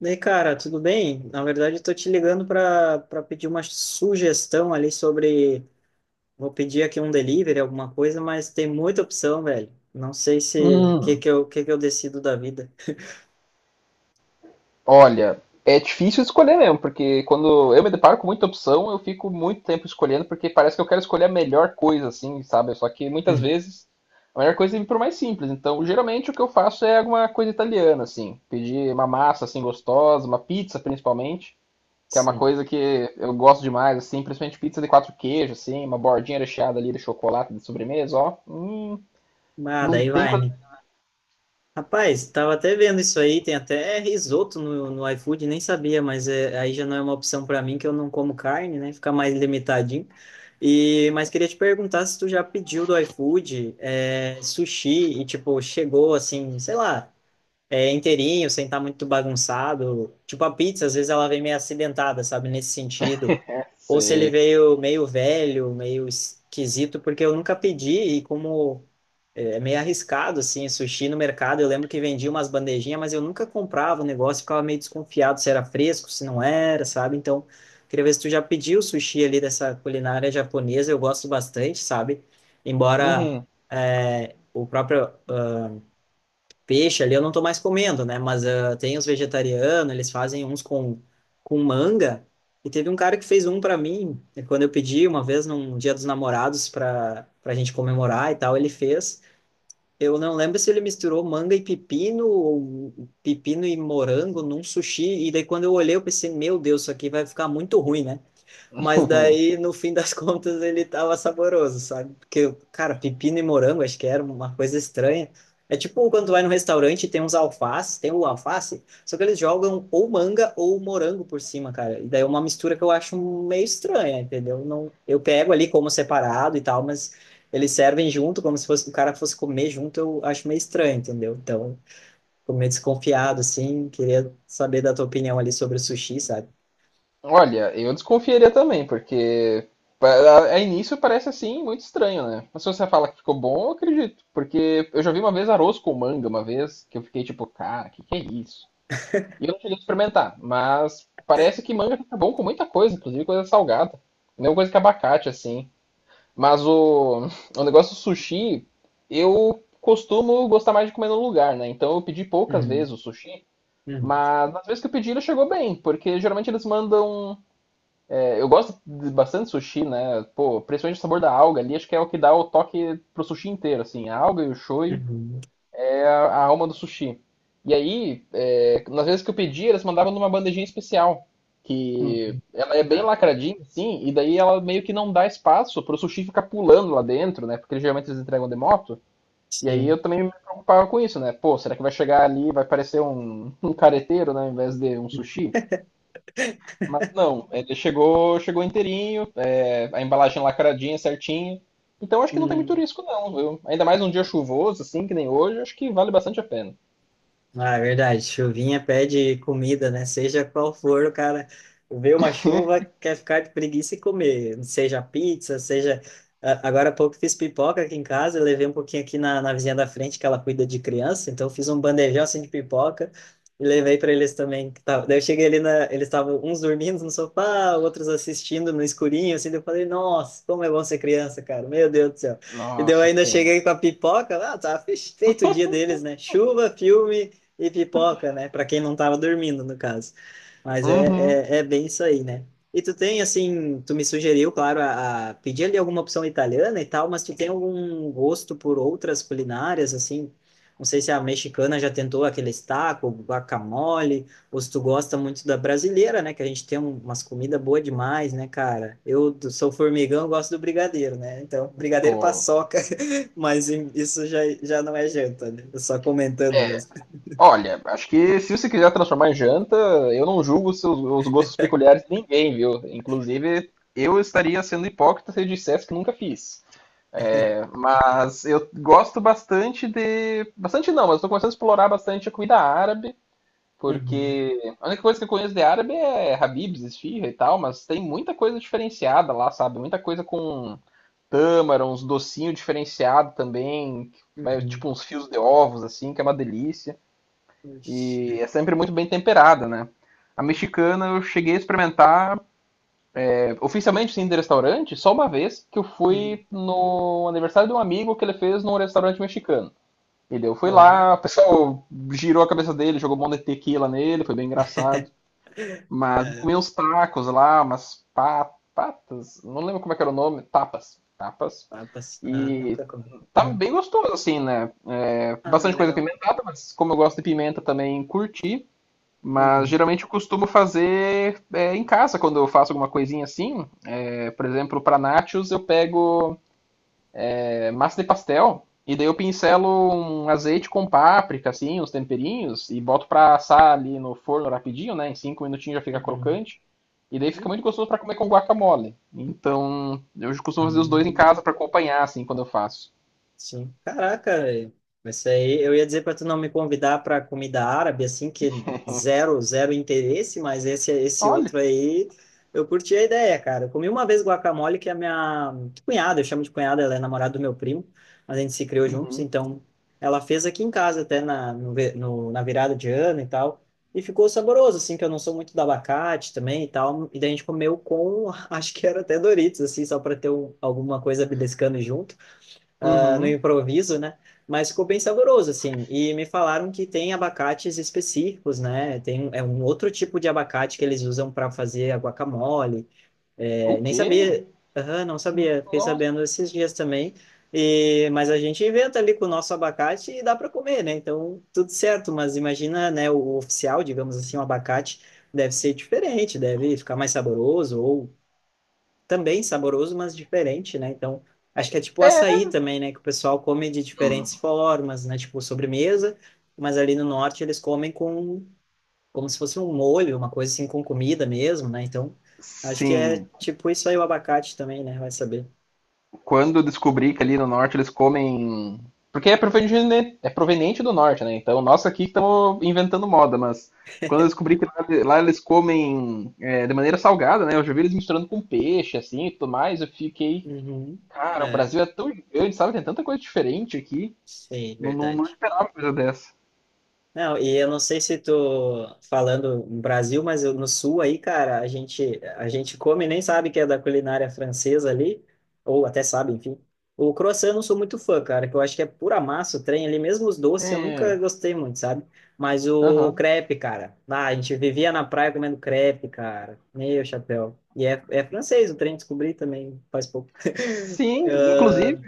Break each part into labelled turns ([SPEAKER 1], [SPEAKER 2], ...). [SPEAKER 1] E aí, cara, tudo bem? Na verdade, estou te ligando para pedir uma sugestão ali sobre. Vou pedir aqui um delivery, alguma coisa, mas tem muita opção, velho. Não sei se que
[SPEAKER 2] Hum,
[SPEAKER 1] que eu que que eu decido da vida.
[SPEAKER 2] olha, é difícil escolher mesmo, porque quando eu me deparo com muita opção, eu fico muito tempo escolhendo, porque parece que eu quero escolher a melhor coisa, assim, sabe? Só que muitas vezes a melhor coisa é ir pro mais simples. Então, geralmente o que eu faço é alguma coisa italiana, assim, pedir uma massa assim gostosa, uma pizza principalmente, que é uma
[SPEAKER 1] Sim.
[SPEAKER 2] coisa que eu gosto demais, assim, principalmente pizza de quatro queijos, assim, uma bordinha recheada ali de chocolate de sobremesa, ó.
[SPEAKER 1] Ah,
[SPEAKER 2] Não
[SPEAKER 1] daí
[SPEAKER 2] tem
[SPEAKER 1] vai,
[SPEAKER 2] coisa.
[SPEAKER 1] né? Rapaz, tava até vendo isso aí, tem até risoto no iFood, nem sabia, mas é, aí já não é uma opção para mim, que eu não como carne, né? Fica mais limitadinho. E, mas queria te perguntar se tu já pediu do iFood, sushi e, tipo, chegou assim, sei lá. É inteirinho, sem estar muito bagunçado. Tipo, a pizza, às vezes ela vem meio acidentada, sabe? Nesse sentido. Ou se ele
[SPEAKER 2] Sei.
[SPEAKER 1] veio meio velho, meio esquisito, porque eu nunca pedi e como é meio arriscado, assim, sushi no mercado. Eu lembro que vendia umas bandejinhas, mas eu nunca comprava o negócio, ficava meio desconfiado se era fresco, se não era, sabe? Então, queria ver se tu já pediu sushi ali dessa culinária japonesa. Eu gosto bastante, sabe? Embora
[SPEAKER 2] Uhum.
[SPEAKER 1] o próprio peixe ali eu não tô mais comendo, né? Mas ah, tem os vegetarianos, eles fazem uns com manga. E teve um cara que fez um para mim, e quando eu pedi uma vez num Dia dos Namorados para para gente comemorar e tal, ele fez. Eu não lembro se ele misturou manga e pepino ou pepino e morango num sushi. E daí quando eu olhei, eu pensei, meu Deus, isso aqui vai ficar muito ruim, né? Mas daí, no fim das contas, ele tava saboroso, sabe? Porque, cara, pepino e morango, acho que era uma coisa estranha. É tipo quando tu vai no restaurante e tem uns alfaces, tem o alface, só que eles jogam ou manga ou morango por cima, cara. E daí é uma mistura que eu acho meio estranha, entendeu? Não, eu pego ali como separado e tal, mas eles servem junto, como se fosse, o cara fosse comer junto, eu acho meio estranho, entendeu? Então, fico meio desconfiado, assim. Queria saber da tua opinião ali sobre o sushi, sabe?
[SPEAKER 2] Olha, eu desconfiaria também, porque a início parece assim muito estranho, né? Mas se você fala que ficou bom, eu acredito. Porque eu já vi uma vez arroz com manga, uma vez, que eu fiquei tipo, cara, que é isso? E eu não cheguei a experimentar, mas parece que manga fica bom com muita coisa, inclusive coisa salgada. Mesma coisa que abacate, assim. Mas o negócio do sushi, eu costumo gostar mais de comer no lugar, né? Então eu pedi poucas
[SPEAKER 1] Hum,
[SPEAKER 2] vezes o sushi,
[SPEAKER 1] hum,
[SPEAKER 2] mas nas vezes que eu pedi ele chegou bem, porque geralmente eles mandam. Eu gosto de bastante sushi, né? Pô, principalmente o sabor da alga ali, acho que é o que dá o toque pro sushi inteiro, assim. A alga e o shoyu
[SPEAKER 1] uhum.
[SPEAKER 2] é a alma do sushi. E aí, nas vezes que eu pedi, eles mandavam numa bandejinha especial, que
[SPEAKER 1] Uhum.
[SPEAKER 2] ela é bem
[SPEAKER 1] Tá.
[SPEAKER 2] lacradinha, assim, e daí ela meio que não dá espaço pro sushi ficar pulando lá dentro, né? Porque geralmente eles entregam de moto. E aí
[SPEAKER 1] Sim.
[SPEAKER 2] eu também me preocupava com isso, né? Pô, será que vai chegar ali, vai parecer um careteiro, né? Ao invés de um sushi? Mas não, ele chegou, chegou inteirinho, a embalagem lacradinha, certinha. Então acho que não tem muito
[SPEAKER 1] Uhum.
[SPEAKER 2] risco não, viu? Ainda mais um dia chuvoso, assim, que nem hoje, acho que vale bastante a pena.
[SPEAKER 1] Ah, é verdade. Chuvinha pede comida, né? Seja qual for, o cara vê uma chuva, quer ficar de preguiça e comer. Seja pizza, seja. Agora há pouco fiz pipoca aqui em casa, eu levei um pouquinho aqui na vizinha da frente, que ela cuida de criança, então eu fiz um bandejão assim de pipoca e levei para eles também. Daí eu cheguei ali, na... eles estavam uns dormindo no sofá, outros assistindo no escurinho, assim, daí eu falei, nossa, como é bom ser criança, cara, meu Deus do céu. E daí eu
[SPEAKER 2] Nossa,
[SPEAKER 1] ainda
[SPEAKER 2] sim.
[SPEAKER 1] cheguei com a pipoca, ah, tá feito o dia deles, né? Chuva, filme e pipoca, né? Para quem não tava dormindo, no caso. Mas
[SPEAKER 2] Uhum.
[SPEAKER 1] é bem isso aí, né? E tu tem, assim, tu me sugeriu, claro, a pedir ali alguma opção italiana e tal, mas tu tem algum gosto por outras culinárias, assim? Não sei se a mexicana já tentou aquele taco, guacamole, ou se tu gosta muito da brasileira, né? Que a gente tem umas comidas boas demais, né, cara? Eu sou formigão, eu gosto do brigadeiro, né? Então, brigadeiro
[SPEAKER 2] Pô.
[SPEAKER 1] paçoca, mas isso já não é janta, né? Eu só comentando mesmo.
[SPEAKER 2] Olha, acho que se você quiser transformar em janta, eu não julgo os gostos peculiares de ninguém, viu? Inclusive, eu estaria sendo hipócrita se eu dissesse que nunca fiz. É, mas eu gosto bastante de. Bastante não, mas estou começando a explorar bastante a comida árabe.
[SPEAKER 1] Uhum,
[SPEAKER 2] Porque a única coisa que eu conheço de árabe é Habib's, esfirra e tal, mas tem muita coisa diferenciada lá, sabe? Muita coisa com tâmara, uns docinhos diferenciados também, que vai,
[SPEAKER 1] uhum.
[SPEAKER 2] tipo uns fios de ovos, assim, que é uma delícia.
[SPEAKER 1] Ixi,
[SPEAKER 2] E é sempre muito bem temperada, né? A mexicana eu cheguei a experimentar, oficialmente sim, de restaurante, só uma vez que eu
[SPEAKER 1] uhum.
[SPEAKER 2] fui no aniversário de um amigo que ele fez num restaurante mexicano. E daí eu fui lá,
[SPEAKER 1] Oh.
[SPEAKER 2] o pessoal girou a cabeça dele, jogou um monte de tequila nele, foi bem engraçado. Mas eu
[SPEAKER 1] É,
[SPEAKER 2] comi uns tacos lá, umas patas, não lembro como é que era o nome, tapas, tapas.
[SPEAKER 1] vai passar. Ah,
[SPEAKER 2] E
[SPEAKER 1] nunca comi.
[SPEAKER 2] tava
[SPEAKER 1] Aham.
[SPEAKER 2] bem gostoso, assim, né? É,
[SPEAKER 1] Ah,
[SPEAKER 2] bastante coisa
[SPEAKER 1] legal.
[SPEAKER 2] pimentada, mas como eu gosto de pimenta também, curti. Mas
[SPEAKER 1] Uhum,
[SPEAKER 2] geralmente eu costumo fazer em casa, quando eu faço alguma coisinha assim. É, por exemplo, para nachos eu pego massa de pastel. E daí eu pincelo um azeite com páprica, assim, uns temperinhos, e boto pra assar ali no forno rapidinho, né? Em cinco minutinhos já fica
[SPEAKER 1] uhum.
[SPEAKER 2] crocante. E daí fica muito
[SPEAKER 1] Hum,
[SPEAKER 2] gostoso pra comer com guacamole. Então, eu costumo fazer os dois em
[SPEAKER 1] hum.
[SPEAKER 2] casa pra acompanhar, assim, quando eu faço.
[SPEAKER 1] Sim. Caraca, velho. Isso aí eu ia dizer para tu não me convidar para comida árabe, assim, que zero interesse, mas esse
[SPEAKER 2] Olha.
[SPEAKER 1] outro aí eu curti a ideia, cara. Eu comi uma vez guacamole que é a minha cunhada, eu chamo de cunhada, ela é namorada do meu primo, mas a gente se criou juntos,
[SPEAKER 2] Uhum.
[SPEAKER 1] então ela fez aqui em casa até na, no, ve- no- na virada de ano e tal. E ficou saboroso, assim, que eu não sou muito do abacate também e tal. E daí a gente comeu com, acho que era até Doritos, assim, só para ter alguma coisa beliscando junto ah, no
[SPEAKER 2] Uhum.
[SPEAKER 1] improviso, né? Mas ficou bem saboroso, assim. E me falaram que tem abacates específicos, né? É um outro tipo de abacate que eles usam para fazer a guacamole.
[SPEAKER 2] O
[SPEAKER 1] É, nem
[SPEAKER 2] quê?
[SPEAKER 1] sabia. Aham, não sabia, fiquei
[SPEAKER 2] Nossa.
[SPEAKER 1] sabendo esses dias também. E, mas a gente inventa ali com o nosso abacate e dá para comer, né? Então, tudo certo. Mas imagina, né, o oficial, digamos assim, o abacate deve ser diferente, deve ficar mais saboroso ou também saboroso, mas diferente, né? Então, acho que é tipo o açaí também, né? Que o pessoal come de diferentes formas, né? Tipo sobremesa, mas ali no norte eles comem com como se fosse um molho, uma coisa assim com comida mesmo, né? Então, acho que é
[SPEAKER 2] Sim.
[SPEAKER 1] tipo isso aí o abacate também, né? Vai saber.
[SPEAKER 2] Quando descobri que ali no norte eles comem. Porque é proveniente do norte, né? Então, nós aqui estamos inventando moda, mas quando eu descobri que lá, lá eles comem, de maneira salgada, né? Eu já vi eles misturando com peixe, assim, e tudo mais. Eu fiquei,
[SPEAKER 1] Uhum.
[SPEAKER 2] cara, o
[SPEAKER 1] É,
[SPEAKER 2] Brasil é tão grande, sabe? Tem tanta coisa diferente aqui.
[SPEAKER 1] sei,
[SPEAKER 2] Não, não, não
[SPEAKER 1] verdade.
[SPEAKER 2] esperava coisa dessa.
[SPEAKER 1] Não, e eu não sei se tô falando no Brasil, mas no sul aí, cara, a gente come e nem sabe que é da culinária francesa ali, ou até sabe, enfim. O croissant eu não sou muito fã, cara, que eu acho que é pura massa o trem ali, mesmo os doces eu
[SPEAKER 2] É,
[SPEAKER 1] nunca gostei muito, sabe? Mas o
[SPEAKER 2] aham.
[SPEAKER 1] crepe, cara, ah, a gente vivia na praia comendo crepe, cara, meu chapéu. É francês o trem, descobri também faz pouco.
[SPEAKER 2] Sim, inclusive,
[SPEAKER 1] Ah,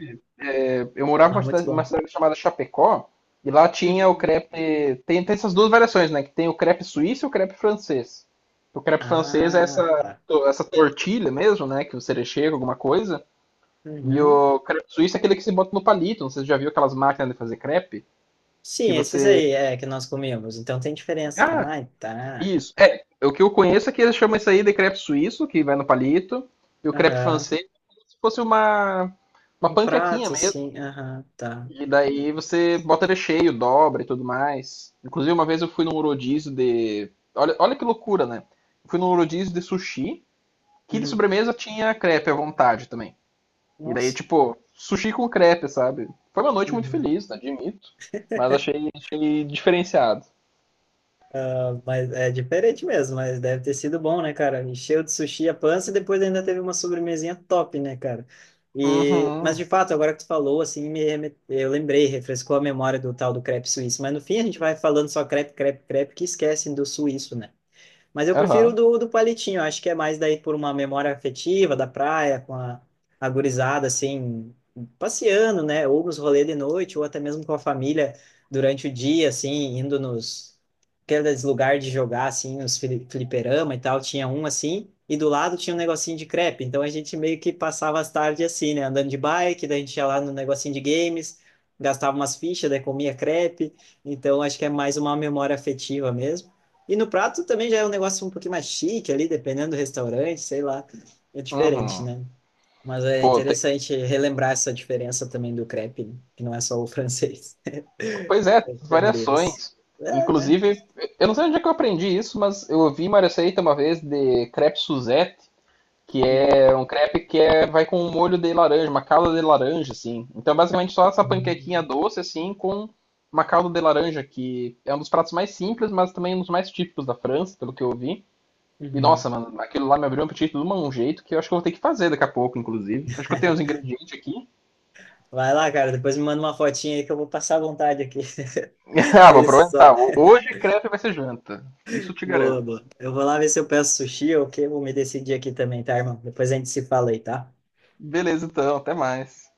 [SPEAKER 2] eu morava
[SPEAKER 1] mas muito
[SPEAKER 2] numa
[SPEAKER 1] bom.
[SPEAKER 2] cidade chamada Chapecó, e lá tinha o
[SPEAKER 1] Uhum.
[SPEAKER 2] crepe. Tem, tem essas duas variações, né? Que tem o crepe suíço e o crepe francês. O crepe francês é
[SPEAKER 1] Ah,
[SPEAKER 2] essa,
[SPEAKER 1] pá.
[SPEAKER 2] essa tortilha mesmo, né? Que você recheia com alguma coisa. E
[SPEAKER 1] Uhum.
[SPEAKER 2] o crepe suíço é aquele que se bota no palito. Não sei se você já viu aquelas máquinas de fazer crepe. Que
[SPEAKER 1] Sim, esses
[SPEAKER 2] você.
[SPEAKER 1] aí é que nós comíamos. Então tem diferença.
[SPEAKER 2] Ah,
[SPEAKER 1] Ai, tá.
[SPEAKER 2] isso. É, o que eu conheço é que eles chamam isso aí de crepe suíço, que vai no palito. E o crepe
[SPEAKER 1] Aham.
[SPEAKER 2] francês é como se fosse uma
[SPEAKER 1] No
[SPEAKER 2] panquequinha
[SPEAKER 1] prato,
[SPEAKER 2] mesmo.
[SPEAKER 1] sim. Aham, tá.
[SPEAKER 2] E daí você bota recheio, dobra e tudo mais. Inclusive, uma vez eu fui num rodízio de. Olha, olha que loucura, né? Eu fui num rodízio de sushi, que de
[SPEAKER 1] Uhum.
[SPEAKER 2] sobremesa tinha crepe à vontade também. E daí,
[SPEAKER 1] Nossa.
[SPEAKER 2] tipo, sushi com crepe, sabe? Foi uma noite muito
[SPEAKER 1] Uhum.
[SPEAKER 2] feliz, né? Admito. Mas achei, achei diferenciado.
[SPEAKER 1] Ah, mas é diferente mesmo, mas deve ter sido bom, né, cara? Encheu de sushi a pança e depois ainda teve uma sobremesinha top, né, cara? E,
[SPEAKER 2] Uhum,
[SPEAKER 1] mas de fato, agora que tu falou, assim, eu lembrei, refrescou a memória do tal do crepe suíço. Mas no fim a gente vai falando só crepe, que esquecem do suíço, né? Mas eu prefiro o
[SPEAKER 2] aham,
[SPEAKER 1] do palitinho, acho que é mais daí por uma memória afetiva da praia, com a gurizada, assim, passeando, né? Ou nos rolês de noite, ou até mesmo com a família durante o dia, assim, indo nos aqueles lugares de jogar, assim, nos fliperama e tal. Tinha um assim, e do lado tinha um negocinho de crepe. Então a gente meio que passava as tardes assim, né? Andando de bike, daí a gente ia lá no negocinho de games, gastava umas fichas, daí comia crepe. Então acho que é mais uma memória afetiva mesmo. E no prato também já é um negócio um pouquinho mais chique ali, dependendo do restaurante, sei lá. É diferente,
[SPEAKER 2] uhum.
[SPEAKER 1] né? Mas é
[SPEAKER 2] Pô, tem...
[SPEAKER 1] interessante relembrar essa diferença também do crepe, né? que não é só o francês.
[SPEAKER 2] Pois é,
[SPEAKER 1] Chamaríamos.
[SPEAKER 2] variações.
[SPEAKER 1] É, né?
[SPEAKER 2] Inclusive, eu não sei onde é que eu aprendi isso, mas eu ouvi uma receita uma vez de crepe Suzette, que
[SPEAKER 1] Hum,
[SPEAKER 2] é um crepe que vai com um molho de laranja, uma calda de laranja, assim. Então, basicamente, só essa panquequinha
[SPEAKER 1] hum,
[SPEAKER 2] doce, assim, com uma calda de laranja, que é um dos pratos mais simples, mas também um dos mais típicos da França, pelo que eu vi. E,
[SPEAKER 1] uhum.
[SPEAKER 2] nossa, mano, aquilo lá me abriu um apetite de um jeito que eu acho que eu vou ter que fazer daqui a pouco, inclusive. Acho que eu tenho os ingredientes aqui.
[SPEAKER 1] Vai lá, cara, depois me manda uma fotinha aí que eu vou passar à vontade aqui.
[SPEAKER 2] Ah, vou
[SPEAKER 1] Isso só.
[SPEAKER 2] aproveitar. Hoje crepe vai ser janta. Isso eu te
[SPEAKER 1] Boa,
[SPEAKER 2] garanto.
[SPEAKER 1] boa. Eu vou lá ver se eu peço sushi ou o quê, vou me decidir aqui também, tá, irmão? Depois a gente se fala aí, tá?
[SPEAKER 2] Beleza, então. Até mais.